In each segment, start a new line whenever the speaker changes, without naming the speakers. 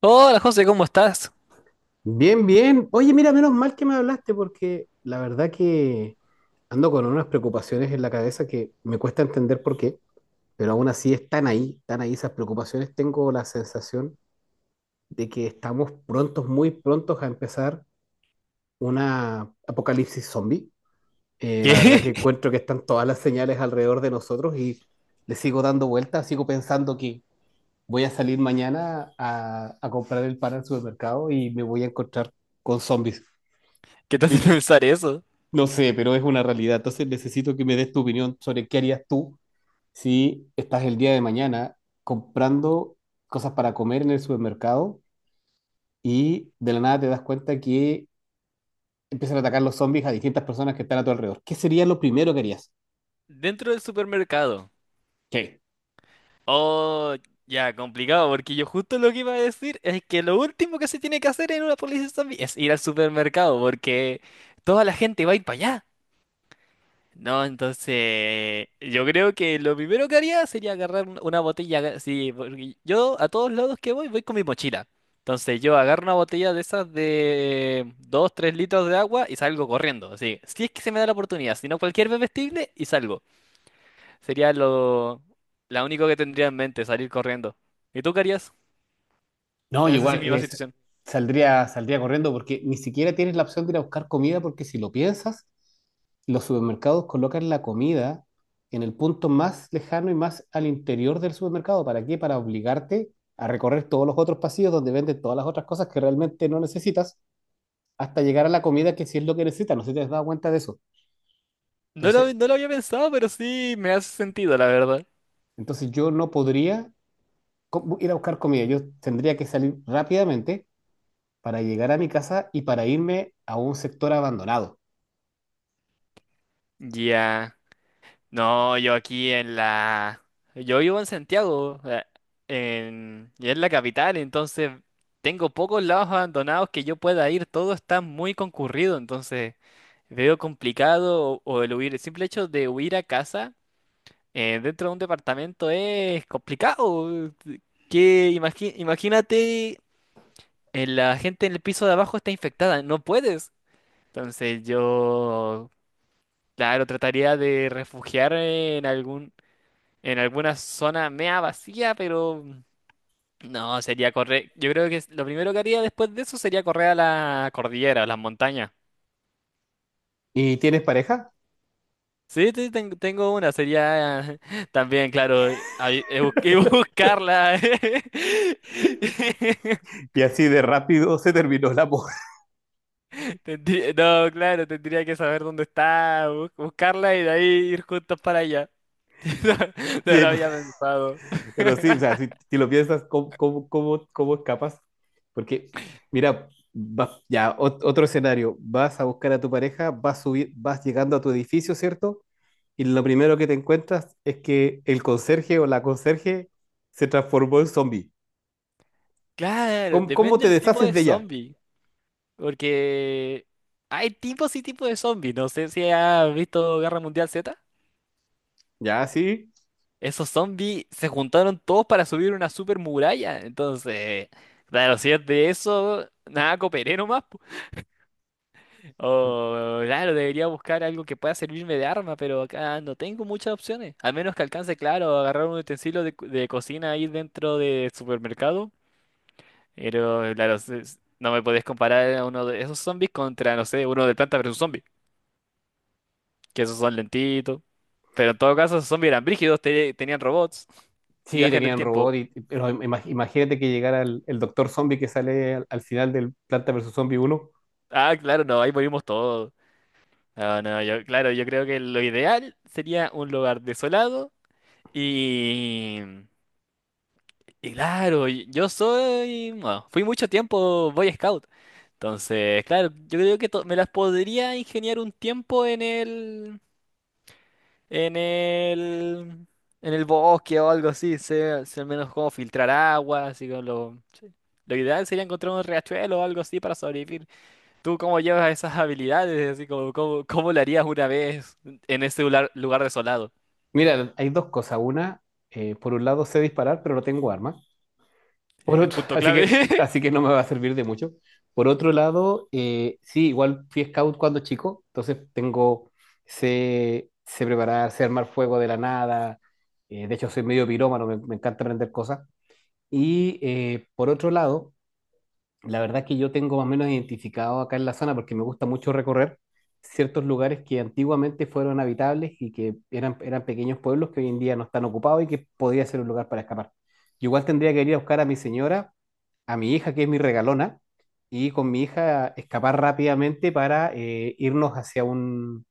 Hola José, ¿cómo estás?
Bien, bien. Oye, mira, menos mal que me hablaste porque la verdad que ando con unas preocupaciones en la cabeza que me cuesta entender por qué, pero aún así están ahí esas preocupaciones. Tengo la sensación de que estamos prontos, muy prontos a empezar una apocalipsis zombie.
¿Qué?
La verdad que encuentro que están todas las señales alrededor de nosotros y le sigo dando vueltas, sigo pensando que voy a salir mañana a comprar el pan al supermercado y me voy a encontrar con zombies.
¿Qué te hace
Mi,
pensar eso?
No sé, pero es una realidad. Entonces necesito que me des tu opinión sobre qué harías tú si estás el día de mañana comprando cosas para comer en el supermercado y de la nada te das cuenta que empiezan a atacar los zombies a distintas personas que están a tu alrededor. ¿Qué sería lo primero que harías?
Dentro del supermercado.
Ok.
Oh, ya, complicado, porque yo justo lo que iba a decir es que lo último que se tiene que hacer en una policía zombie es ir al supermercado, porque toda la gente va a ir para allá. No, entonces yo creo que lo primero que haría sería agarrar una botella, sí, porque yo a todos lados que voy con mi mochila. Entonces yo agarro una botella de esas de 2 3 litros de agua y salgo corriendo. Así, si es que se me da la oportunidad, si no cualquier bebestible y salgo. Sería la único que tendría en mente, salir corriendo. ¿Y tú qué harías
No,
en esa sí
igual
misma
es,
situación?
saldría corriendo porque ni siquiera tienes la opción de ir a buscar comida porque si lo piensas, los supermercados colocan la comida en el punto más lejano y más al interior del supermercado. ¿Para qué? Para obligarte a recorrer todos los otros pasillos donde venden todas las otras cosas que realmente no necesitas hasta llegar a la comida que sí es lo que necesitas. No sé si te has dado cuenta de eso.
No lo,
Entonces,
no lo había pensado, pero sí me hace sentido, la verdad.
entonces, yo no podría ir a buscar comida. Yo tendría que salir rápidamente para llegar a mi casa y para irme a un sector abandonado.
Ya. No. Yo vivo en Santiago, y es la capital, entonces tengo pocos lados abandonados que yo pueda ir, todo está muy concurrido, entonces veo complicado o el huir, el simple hecho de huir a casa, dentro de un departamento es complicado. Que imagínate, la gente en el piso de abajo está infectada, no puedes. Entonces yo, claro, trataría de refugiarme en algún en alguna zona mea vacía, pero no, sería correr. Yo creo que lo primero que haría después de eso sería correr a la cordillera, a las montañas.
¿Y tienes pareja?
Sí, sí, tengo una, sería también, claro, ahí, y buscarla.
Y así de rápido se terminó el amor.
No, claro, tendría que saber dónde está, buscarla y de ahí ir juntos para allá. No, no
Sí,
lo había pensado.
pero sí, o sea, si lo piensas, ¿cómo escapas? Porque, mira, otro escenario, vas a buscar a tu pareja, vas, subir, vas llegando a tu edificio, ¿cierto? Y lo primero que te encuentras es que el conserje o la conserje se transformó en zombie.
Claro,
¿Cómo
depende
te
del tipo
deshaces
de
de ella?
zombie. Porque hay tipos y tipos de zombies. No sé si has visto Guerra Mundial Z.
Ya, sí.
Esos zombies se juntaron todos para subir una super muralla. Entonces, claro, si es de eso, nada, cooperé nomás po. O, claro, debería buscar algo que pueda servirme de arma, pero acá no tengo muchas opciones. Al menos que alcance, claro, a agarrar un utensilio de, de cocina ahí dentro del supermercado. Pero, claro, no me podés comparar a uno de esos zombies contra, no sé, uno de planta versus zombie. Que esos son lentitos. Pero en todo caso, esos zombies eran brígidos, tenían robots y
Sí,
viajan en el
tenían
tiempo.
robot, pero imagínate que llegara el doctor zombie que sale al final del Planta versus Zombie uno.
Ah, claro, no, ahí morimos todos. No, no, yo, claro, yo creo que lo ideal sería un lugar desolado y... Y claro, Bueno, fui mucho tiempo Boy Scout. Entonces, claro, yo creo que me las podría ingeniar un tiempo en en el, el bosque o algo así, sé al menos cómo filtrar agua, así que lo, sí. Lo ideal sería encontrar un riachuelo o algo así para sobrevivir. ¿Tú cómo llevas esas habilidades? Así como, ¿cómo lo harías una vez en ese lugar desolado?
Mira, hay dos cosas. Una, por un lado sé disparar, pero no tengo arma. Por otro,
Punto clave.
así que no me va a servir de mucho. Por otro lado, sí, igual fui scout cuando chico, entonces tengo, sé preparar, sé armar fuego de la nada. De hecho, soy medio pirómano, me encanta aprender cosas. Y por otro lado, la verdad es que yo tengo más o menos identificado acá en la zona porque me gusta mucho recorrer ciertos lugares que antiguamente fueron habitables y que eran pequeños pueblos que hoy en día no están ocupados y que podría ser un lugar para escapar. Yo igual tendría que ir a buscar a mi señora, a mi hija, que es mi regalona, y con mi hija escapar rápidamente para irnos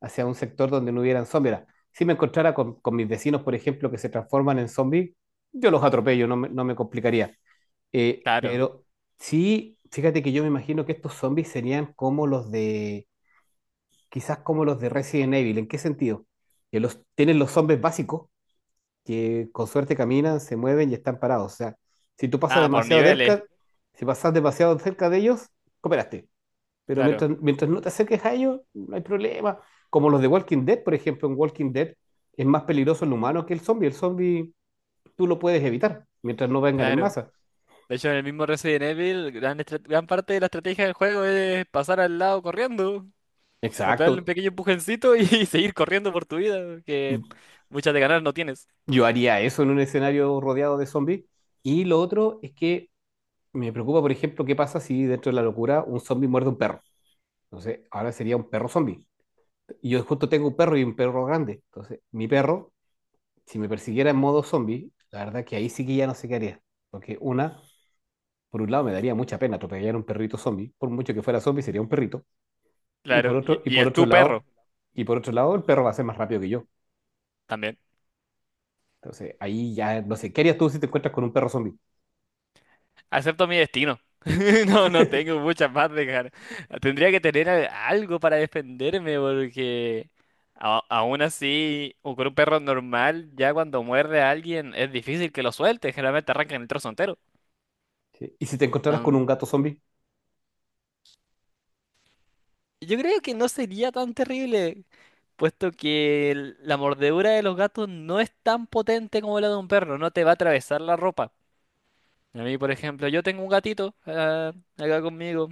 hacia un sector donde no hubieran zombies. Ahora, si me encontrara con mis vecinos, por ejemplo, que se transforman en zombies, yo los atropello, no me complicaría.
Claro.
Pero sí, fíjate que yo me imagino que estos zombies serían como quizás como los de Resident Evil. ¿En qué sentido? Que los, tienen los zombies básicos, que con suerte caminan, se mueven y están parados. O sea, si tú pasas
Ah, por
demasiado
niveles.
cerca, si pasas demasiado cerca de ellos, cooperaste. Pero
Claro,
mientras no te acerques a ellos, no hay problema. Como los de Walking Dead, por ejemplo, en Walking Dead es más peligroso el humano que el zombie. El zombie tú lo puedes evitar mientras no vengan en
claro.
masa.
De hecho, en el mismo Resident Evil, gran parte de la estrategia del juego es pasar al lado corriendo. O pegarle un
Exacto.
pequeño empujoncito y seguir corriendo por tu vida, que muchas de ganar no tienes.
Yo haría eso en un escenario rodeado de zombies. Y lo otro es que me preocupa, por ejemplo, qué pasa si dentro de la locura un zombie muerde a un perro. Entonces, ahora sería un perro zombie. Y yo justo tengo un perro y un perro grande. Entonces, mi perro, si me persiguiera en modo zombie, la verdad que ahí sí que ya no sé qué haría. Porque una, por un lado me daría mucha pena atropellar a un perrito zombie. Por mucho que fuera zombie, sería un perrito. Y por
Claro, y,
otro, y
y
por
es
otro
tu perro
lado, y por otro lado, el perro va a ser más rápido que yo.
también.
Entonces, ahí ya no sé, ¿qué harías tú si te encuentras con un perro zombie?
Acepto mi destino. No, no tengo muchas más de ganar. Tendría que tener algo para defenderme porque aún así, o con un perro normal, ya cuando muerde a alguien es difícil que lo suelte. Generalmente arrancan el trozo entero.
Sí. ¿Y si te encontraras con un gato zombie?
Yo creo que no sería tan terrible, puesto que la mordedura de los gatos no es tan potente como la de un perro, no te va a atravesar la ropa. A mí, por ejemplo, yo tengo un gatito, acá conmigo,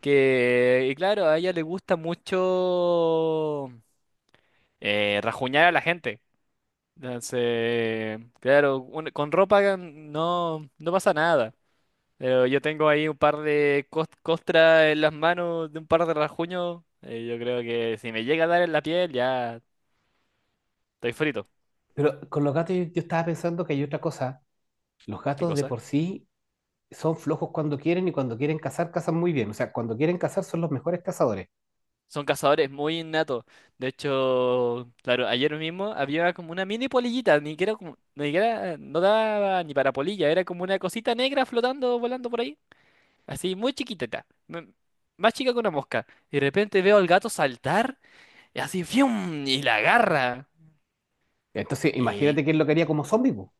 y claro, a ella le gusta mucho, rajuñar a la gente. Entonces, claro, con ropa no, no pasa nada. Pero yo tengo ahí un par de costras en las manos, de un par de rajuños. Yo creo que si me llega a dar en la piel, ya estoy frito.
Pero con los gatos yo estaba pensando que hay otra cosa. Los
¿Qué
gatos de
cosa?
por sí son flojos cuando quieren y cuando quieren cazar, cazan muy bien. O sea, cuando quieren cazar son los mejores cazadores.
Son cazadores muy innatos. De hecho, claro, ayer mismo había como una mini polillita, ni siquiera, ni siquiera no daba ni para polilla, era como una cosita negra flotando, volando por ahí. Así, muy chiquitita. Más chica que una mosca. Y de repente veo al gato saltar, y así, ¡fium! Y la agarra.
Entonces,
Y
imagínate que lo quería como zombie, po.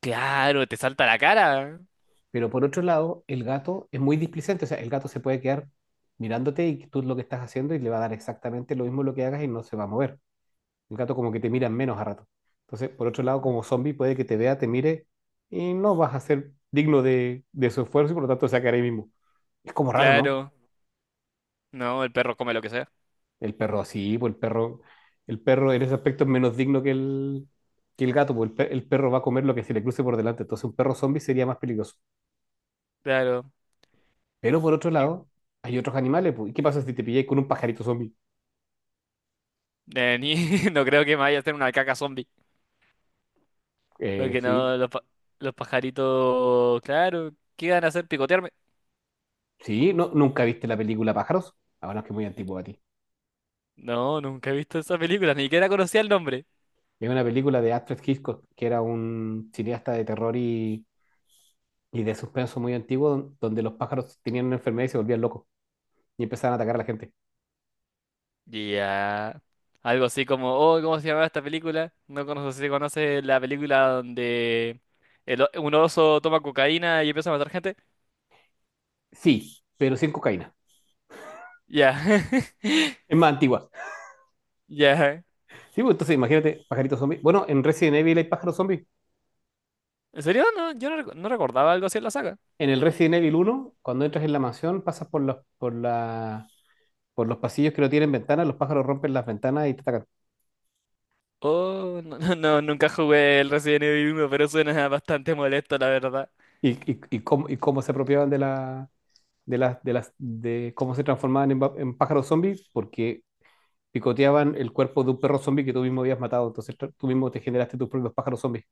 claro, te salta a la cara.
Pero por otro lado, el gato es muy displicente. O sea, el gato se puede quedar mirándote y tú lo que estás haciendo y le va a dar exactamente lo mismo lo que hagas y no se va a mover. El gato como que te mira menos a rato. Entonces, por otro lado, como zombie puede que te vea, te mire y no vas a ser digno de su esfuerzo y por lo tanto se va a quedar ahí mismo. Es como raro, ¿no?
Claro, no, el perro come lo que sea.
El perro así, el perro en ese aspecto es menos digno que que el gato, pues el perro va a comer lo que se le cruce por delante, entonces un perro zombie sería más peligroso.
Claro.
Pero por otro
Y-
lado, hay otros animales, pues, ¿y qué pasa si te pilláis con un pajarito zombie?
no creo que me vaya a hacer una caca zombie. Porque
Sí,
no, los pajaritos, claro, ¿qué van a hacer? ¿Picotearme?
sí, no, nunca viste la película Pájaros, ahora es que es muy antiguo a ti.
No, nunca he visto esa película, ni siquiera conocía el nombre.
Es una película de Alfred Hitchcock, que era un cineasta de terror y de suspenso muy antiguo, donde los pájaros tenían una enfermedad y se volvían locos y empezaban a atacar a la gente.
Ya. Algo así como, oh, ¿cómo se llamaba esta película? No conozco si conoces la película donde un oso toma cocaína y empieza a matar gente.
Sí, pero sin cocaína.
Ya.
Es más antigua.
Ya.
Sí, pues entonces imagínate, pajaritos zombies. Bueno, en Resident Evil hay pájaros zombies.
¿En serio? No, yo no, no recordaba algo así en la saga.
En el Resident Evil uno, cuando entras en la mansión, pasas por por los pasillos que no tienen ventanas, los pájaros rompen las ventanas y te atacan.
Oh, no, no, no, nunca jugué el Resident Evil uno, pero suena bastante molesto, la verdad.
Y cómo, y cómo se apropiaban de la, de las, de las, de cómo se transformaban en, en pájaros zombies, porque picoteaban el cuerpo de un perro zombie que tú mismo habías matado. Entonces tú mismo te generaste tus propios pájaros zombies.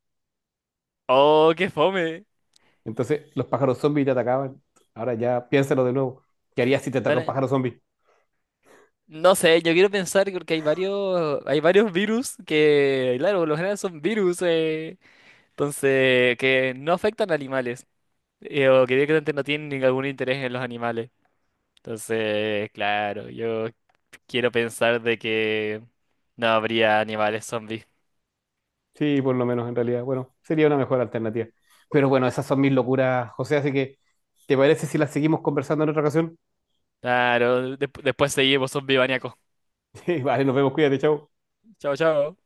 Oh, qué fome.
Entonces los pájaros zombies te atacaban. Ahora ya piénsalo de nuevo. ¿Qué harías si te ataca un
Ahora,
pájaro zombie?
no sé, yo quiero pensar porque hay varios virus que, claro, por lo general son virus, entonces, que no afectan a animales, o que directamente no tienen ningún interés en los animales. Entonces, claro, yo quiero pensar de que no habría animales zombies.
Sí, por lo menos en realidad. Bueno, sería una mejor alternativa. Pero bueno, esas son mis locuras, José. Así que, ¿te parece si las seguimos conversando en otra ocasión?
Claro, después seguimos, zombie maníacos.
Sí, vale, nos vemos, cuídate, chao.
Chao, chao.